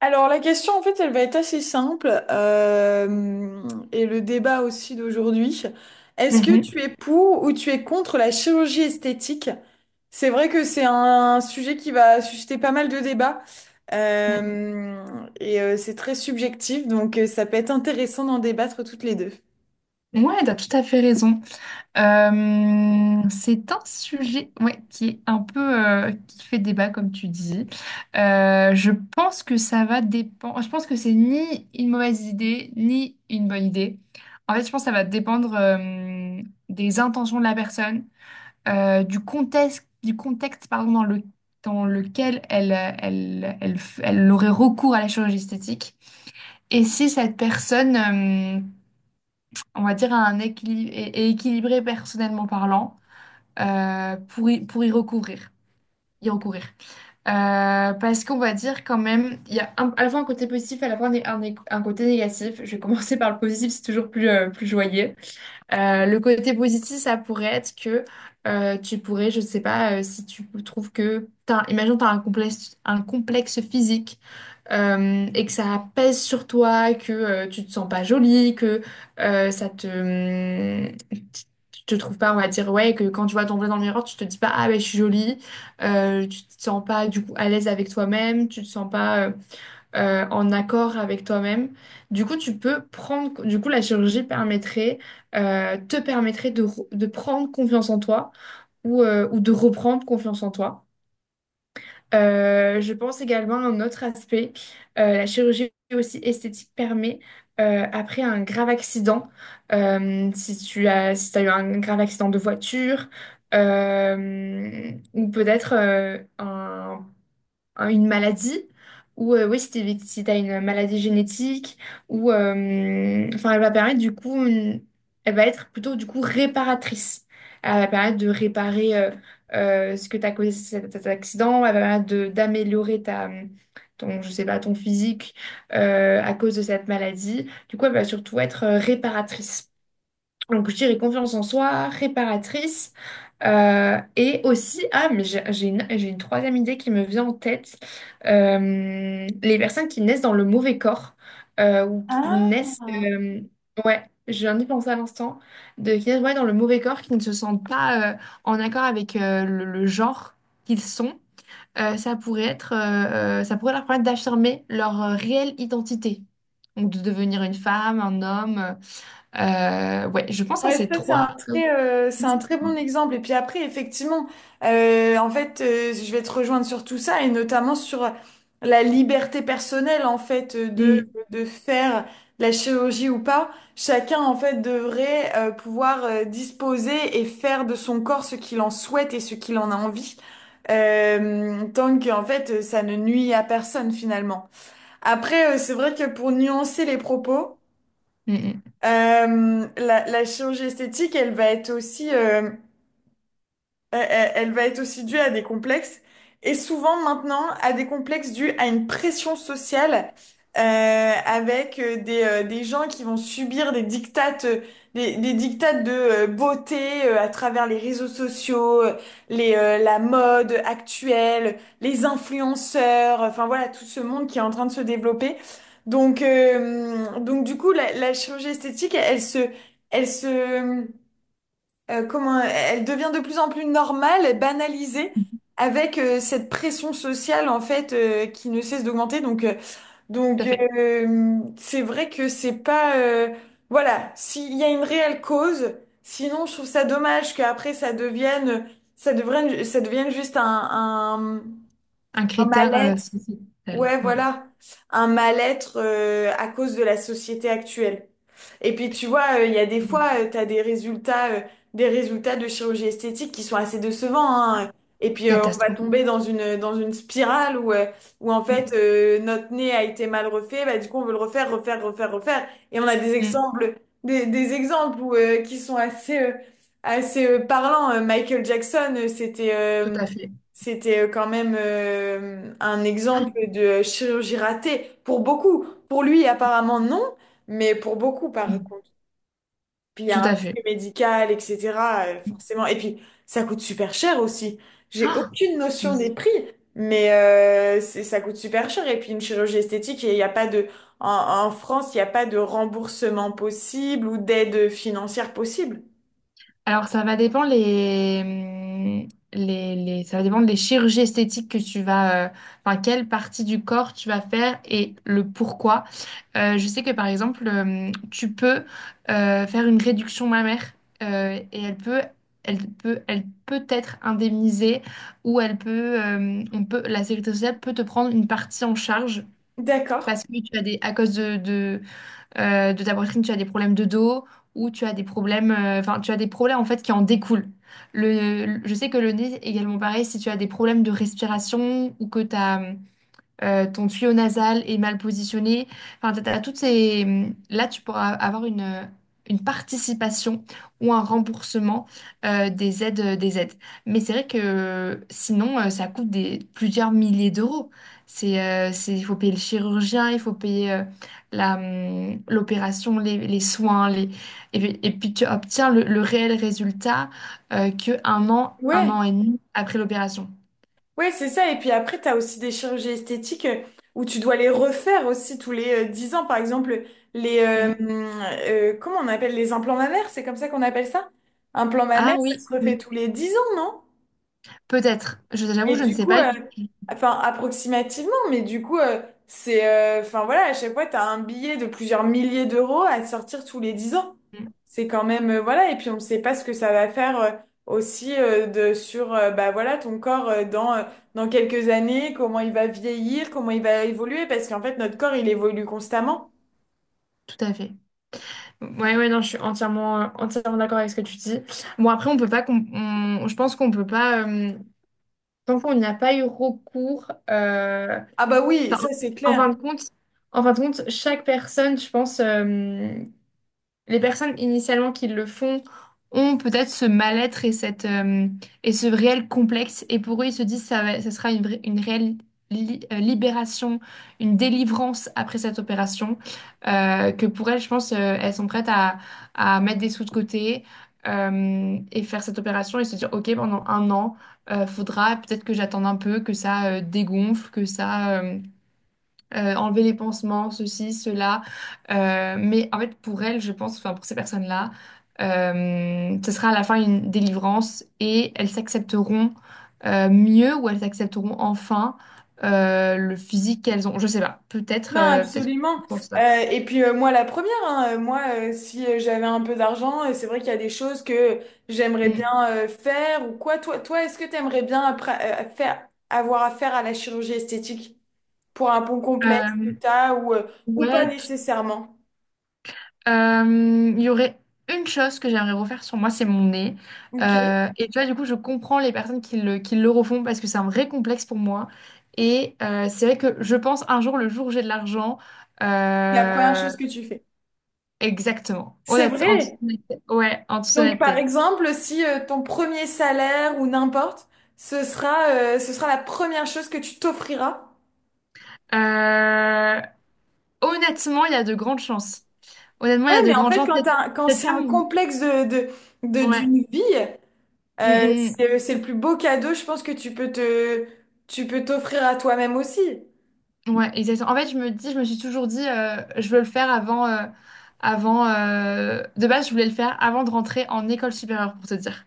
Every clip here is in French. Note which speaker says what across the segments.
Speaker 1: Alors la question en fait elle va être assez simple et le débat aussi d'aujourd'hui. Est-ce que
Speaker 2: Mhm.
Speaker 1: tu es pour ou tu es contre la chirurgie esthétique? C'est vrai que c'est un sujet qui va susciter pas mal de débats
Speaker 2: Mm.
Speaker 1: euh, et c'est très subjectif donc ça peut être intéressant d'en débattre toutes les deux.
Speaker 2: Mm. Ouais, t'as tout à fait raison. C'est un sujet, ouais, qui est un peu, qui fait débat, comme tu dis. Je pense que ça va dépendre. Je pense que c'est ni une mauvaise idée, ni une bonne idée. En fait, je pense que ça va dépendre, des intentions de la personne, du contexte pardon, dans lequel elle, elle, elle aurait recours à la chirurgie esthétique. Et si cette personne, on va dire, à un équilibre et équilibré personnellement parlant, pour y recourir. Y recourir. Parce qu'on va dire quand même, il y a à la fois un côté positif, à la fois un côté négatif. Je vais commencer par le positif, c'est toujours plus, plus joyeux. Le côté positif, ça pourrait être que, tu pourrais, je ne sais pas, si tu trouves que, imagine, tu as un complexe physique, et que ça pèse sur toi, que tu te sens pas jolie, que ça te... Tu te trouves pas, on va dire, ouais, que quand tu vois ton vrai dans le miroir, tu te dis pas, ah ben je suis jolie, tu te sens pas du coup à l'aise avec toi-même, tu te sens pas, en accord avec toi-même. Du coup, la chirurgie permettrait, te permettrait de, de prendre confiance en toi ou de reprendre confiance en toi. Je pense également à un autre aspect. La chirurgie aussi esthétique permet, après un grave accident, si tu as, si t'as eu un grave accident de voiture, ou peut-être, une maladie, ou oui, si t'as une maladie génétique, ou enfin, elle va permettre du coup elle va être plutôt du coup réparatrice, elle va permettre de réparer, ce que t'as causé cet accident, elle va permettre d'améliorer ta ton, je sais pas, ton physique, à cause de cette maladie, du coup elle va surtout être, réparatrice. Donc je dirais confiance en soi, réparatrice, et aussi, ah, mais j'ai une troisième idée qui me vient en tête. Les personnes qui naissent dans le mauvais corps, ou qui naissent,
Speaker 1: Ah.
Speaker 2: ouais, je viens d'y penser à l'instant, de qui naissent, ouais, dans le mauvais corps, qui ne se sentent pas, en accord avec, le genre qu'ils sont, ça pourrait leur permettre d'affirmer leur, réelle identité. Donc, de devenir une femme, un homme. Ouais, je pense à
Speaker 1: Ouais,
Speaker 2: ces
Speaker 1: ça
Speaker 2: trois. À
Speaker 1: c'est un
Speaker 2: ces
Speaker 1: très
Speaker 2: trois.
Speaker 1: bon exemple. Et puis après, effectivement, en fait, je vais te rejoindre sur tout ça et notamment sur la liberté personnelle en fait de
Speaker 2: Mm,
Speaker 1: de faire la chirurgie ou pas. Chacun en fait devrait pouvoir disposer et faire de son corps ce qu'il en souhaite et ce qu'il en a envie. Tant que en fait ça ne nuit à personne finalement. Après, c'est vrai que pour nuancer les propos.
Speaker 2: mm, mm.
Speaker 1: La chirurgie esthétique, elle va être aussi elle va être aussi due à des complexes et souvent maintenant à des complexes dus à une pression sociale avec des gens qui vont subir des dictates de beauté à travers les réseaux sociaux, la mode actuelle, les influenceurs, enfin voilà tout ce monde qui est en train de se développer. Donc, du coup, la chirurgie esthétique, elle, elle se comment elle devient de plus en plus normale, et banalisée avec cette pression sociale en fait qui ne cesse d'augmenter. Donc
Speaker 2: Tout à fait.
Speaker 1: c'est vrai que c'est pas voilà, s'il y a une réelle cause, sinon je trouve ça dommage qu'après ça devienne juste un un,
Speaker 2: Un
Speaker 1: un
Speaker 2: critère,
Speaker 1: mal-être.
Speaker 2: sociétal,
Speaker 1: Ouais,
Speaker 2: ouais.
Speaker 1: voilà, un mal-être à cause de la société actuelle. Et puis tu vois, il y a des fois, tu as des résultats de chirurgie esthétique qui sont assez décevants, hein. Et puis on va
Speaker 2: Catastrophique.
Speaker 1: tomber dans une spirale où, en fait
Speaker 2: Mm,
Speaker 1: notre nez a été mal refait, bah, du coup on veut le refaire, refaire, refaire, refaire. Et on a
Speaker 2: mm.
Speaker 1: des exemples où, qui sont assez parlants. Michael Jackson, c'était...
Speaker 2: Tout
Speaker 1: euh,
Speaker 2: à fait.
Speaker 1: c'était euh, quand même un
Speaker 2: Ah,
Speaker 1: exemple de chirurgie ratée pour beaucoup. Pour lui, apparemment, non, mais pour beaucoup, par
Speaker 2: mm.
Speaker 1: contre. Puis il y
Speaker 2: Tout
Speaker 1: a un
Speaker 2: à fait.
Speaker 1: risque médical, etc. Forcément. Et puis, ça coûte super cher aussi. J'ai
Speaker 2: Ah,
Speaker 1: aucune
Speaker 2: ça.
Speaker 1: notion des prix, mais ça coûte super cher. Et puis, une chirurgie esthétique, il n'y a pas de... En, en France, il n'y a pas de remboursement possible ou d'aide financière possible.
Speaker 2: Alors, ça va dépendre des chirurgies esthétiques que tu vas, enfin, quelle partie du corps tu vas faire et le pourquoi. Je sais que par exemple, tu peux, faire une réduction mammaire, et elle peut être indemnisée, ou elle peut, on peut, la sécurité sociale peut te prendre une partie en charge,
Speaker 1: D'accord.
Speaker 2: parce que à cause de ta poitrine, tu as des problèmes de dos, ou tu as des problèmes en fait qui en découlent. Je sais que le nez également pareil, si tu as des problèmes de respiration, ou que tu as, ton tuyau nasal est mal positionné. Enfin, t'as toutes ces... Là, tu pourras avoir une participation, ou un remboursement, des aides, des aides. Mais c'est vrai que, sinon, ça coûte plusieurs milliers d'euros. Il faut payer le chirurgien, il faut payer, l'opération, les soins, les... Et puis, tu obtiens le réel résultat, que un
Speaker 1: Ouais.
Speaker 2: an et demi après l'opération.
Speaker 1: Ouais, c'est ça. Et puis après, tu as aussi des chirurgies esthétiques où tu dois les refaire aussi tous les 10 ans. Par exemple, les...
Speaker 2: Mm.
Speaker 1: comment on appelle les implants mammaires? C'est comme ça qu'on appelle ça? Implant mammaire,
Speaker 2: Ah
Speaker 1: ça
Speaker 2: oui,
Speaker 1: se refait
Speaker 2: oui.
Speaker 1: tous les 10 ans, non?
Speaker 2: Peut-être. J'avoue,
Speaker 1: Mais
Speaker 2: je ne
Speaker 1: du
Speaker 2: sais
Speaker 1: coup,
Speaker 2: pas tout.
Speaker 1: enfin approximativement, mais du coup, c'est, enfin voilà, à chaque fois, t'as un billet de plusieurs milliers d'euros à sortir tous les 10 ans.
Speaker 2: Mm.
Speaker 1: C'est quand même, voilà, et puis on ne sait pas ce que ça va faire aussi bah voilà, ton corps dans quelques années, comment il va vieillir, comment il va évoluer, parce qu'en fait, notre corps, il évolue constamment.
Speaker 2: Tout à fait. Ouais, ouais, non, je suis entièrement d'accord avec ce que tu dis. Bon, après, on peut pas, com- on- je pense qu'on peut pas, tant qu'on n'y a pas eu recours,
Speaker 1: Ah bah oui,
Speaker 2: enfin,
Speaker 1: ça c'est
Speaker 2: en fin
Speaker 1: clair.
Speaker 2: de compte, en fin de compte, chaque personne, je pense, les personnes initialement qui le font ont peut-être ce mal-être, et cette et ce réel complexe, et pour eux ils se disent ça sera une réelle libération, une délivrance après cette opération, que pour elles, je pense, elles sont prêtes à mettre des sous de côté, et faire cette opération, et se dire ok pendant un an, faudra peut-être que j'attende un peu que ça, dégonfle, que ça, enlever les pansements, ceci, cela. Mais en fait, pour elles, je pense, enfin pour ces personnes-là, ce sera à la fin une délivrance, et elles s'accepteront, mieux, ou elles accepteront enfin, le physique qu'elles ont. Je sais pas. Peut-être,
Speaker 1: Non,
Speaker 2: euh, peut-être que
Speaker 1: absolument.
Speaker 2: je pense
Speaker 1: Euh,
Speaker 2: ça.
Speaker 1: et puis moi, la première, hein, si j'avais un peu d'argent, c'est vrai qu'il y a des choses que j'aimerais bien
Speaker 2: Mm.
Speaker 1: faire ou quoi. Toi, est-ce que tu aimerais bien après, avoir affaire à la chirurgie esthétique pour un bon complexe que
Speaker 2: Euh,
Speaker 1: t'as ou, ou pas
Speaker 2: ouais.
Speaker 1: nécessairement?
Speaker 2: Il y aurait une chose que j'aimerais refaire sur moi, c'est mon nez.
Speaker 1: Ok. C'est.
Speaker 2: Et tu vois, du coup, je comprends les personnes qui le refont, parce que c'est un vrai complexe pour moi. Et, c'est vrai que je pense un jour, le jour où j'ai de l'argent,
Speaker 1: La première
Speaker 2: euh,
Speaker 1: chose que tu fais.
Speaker 2: exactement.
Speaker 1: C'est
Speaker 2: En toute
Speaker 1: vrai.
Speaker 2: honnêteté. Ouais, en toute
Speaker 1: Donc, par
Speaker 2: honnêteté.
Speaker 1: exemple, si ton premier salaire ou n'importe, ce sera la première chose que tu t'offriras.
Speaker 2: Euh, Honnêtement, il y a de grandes chances. Honnêtement, il y
Speaker 1: Ouais,
Speaker 2: a de
Speaker 1: mais en
Speaker 2: grandes
Speaker 1: fait,
Speaker 2: chances. Peut-être
Speaker 1: quand
Speaker 2: peut-être
Speaker 1: c'est
Speaker 2: pas
Speaker 1: un
Speaker 2: mon...
Speaker 1: complexe
Speaker 2: Ouais.
Speaker 1: d'une vie,
Speaker 2: Mm, mm, mm.
Speaker 1: c'est le plus beau cadeau, je pense, que tu peux t'offrir à toi-même aussi.
Speaker 2: Ouais, exactement. En fait, je me dis, je me suis toujours dit, je veux le faire avant. De base, je voulais le faire avant de rentrer en école supérieure, pour te dire.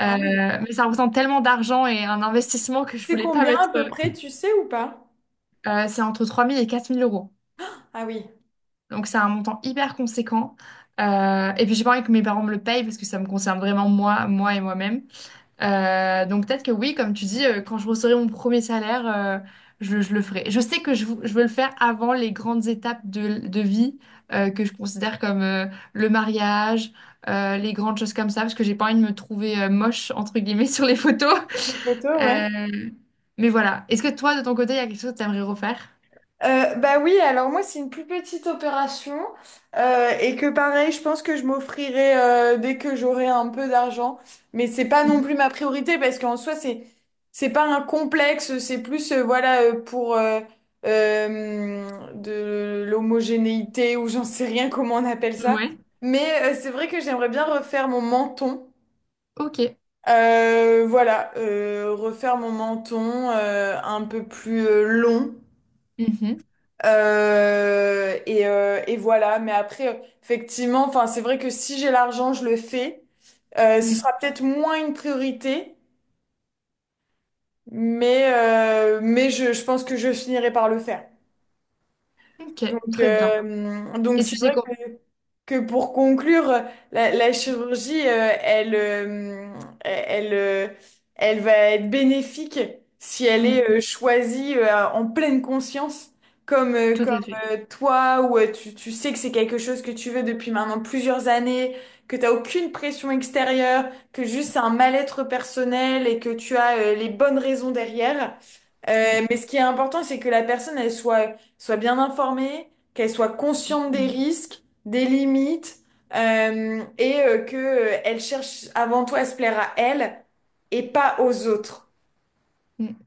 Speaker 1: Ah oui.
Speaker 2: Mais ça représente tellement d'argent et un investissement que je
Speaker 1: C'est
Speaker 2: voulais pas
Speaker 1: combien à
Speaker 2: mettre.
Speaker 1: peu près, tu sais ou pas?
Speaker 2: C'est entre 3 000 et 4 000 euros.
Speaker 1: Ah oui.
Speaker 2: Donc, c'est un montant hyper conséquent. Et puis, j'ai pas envie que mes parents me le payent, parce que ça me concerne vraiment moi, moi et moi-même. Donc, peut-être que oui, comme tu dis, quand je recevrai mon premier salaire, je le ferai. Je sais que je veux le faire avant les grandes étapes de vie, que je considère comme, le mariage, les grandes choses comme ça, parce que j'ai pas envie de me trouver, moche, entre guillemets, sur les photos.
Speaker 1: Ces photos, ouais.
Speaker 2: Euh, mais voilà. Est-ce que toi, de ton côté, il y a quelque chose que tu aimerais refaire?
Speaker 1: Bah oui, alors moi c'est une plus petite opération et que pareil, je pense que je m'offrirai dès que j'aurai un peu d'argent, mais c'est pas non
Speaker 2: Mhm.
Speaker 1: plus ma priorité parce qu'en soi c'est pas un complexe, c'est plus voilà pour euh, de l'homogénéité ou j'en sais rien comment on appelle ça,
Speaker 2: Ouais.
Speaker 1: mais c'est vrai que j'aimerais bien refaire mon menton.
Speaker 2: Ok.
Speaker 1: Voilà, refaire mon menton un peu plus long.
Speaker 2: Mhm.
Speaker 1: Et voilà. Mais après, effectivement, enfin, c'est vrai que si j'ai l'argent, je le fais. Ce
Speaker 2: Mm.
Speaker 1: sera peut-être moins une priorité, mais je pense que je finirai par le faire.
Speaker 2: Ok,
Speaker 1: Donc,
Speaker 2: très bien. Et
Speaker 1: c'est
Speaker 2: tu sais
Speaker 1: vrai
Speaker 2: quoi?
Speaker 1: que pour conclure, la chirurgie, elle, euh, elle va être bénéfique si elle est
Speaker 2: Mm, mm.
Speaker 1: choisie en pleine conscience, comme, euh,
Speaker 2: Tout
Speaker 1: comme
Speaker 2: à fait.
Speaker 1: euh, toi, où tu sais que c'est quelque chose que tu veux depuis maintenant plusieurs années, que tu n'as aucune pression extérieure, que juste c'est un mal-être personnel et que tu as les bonnes raisons derrière.
Speaker 2: Mm,
Speaker 1: Mais ce qui est important, c'est que la personne, elle soit soient bien informées, qu'elles soient conscientes des
Speaker 2: mm.
Speaker 1: risques, des limites, et que elles cherchent avant tout à se plaire à elles et pas aux autres.
Speaker 2: Mm.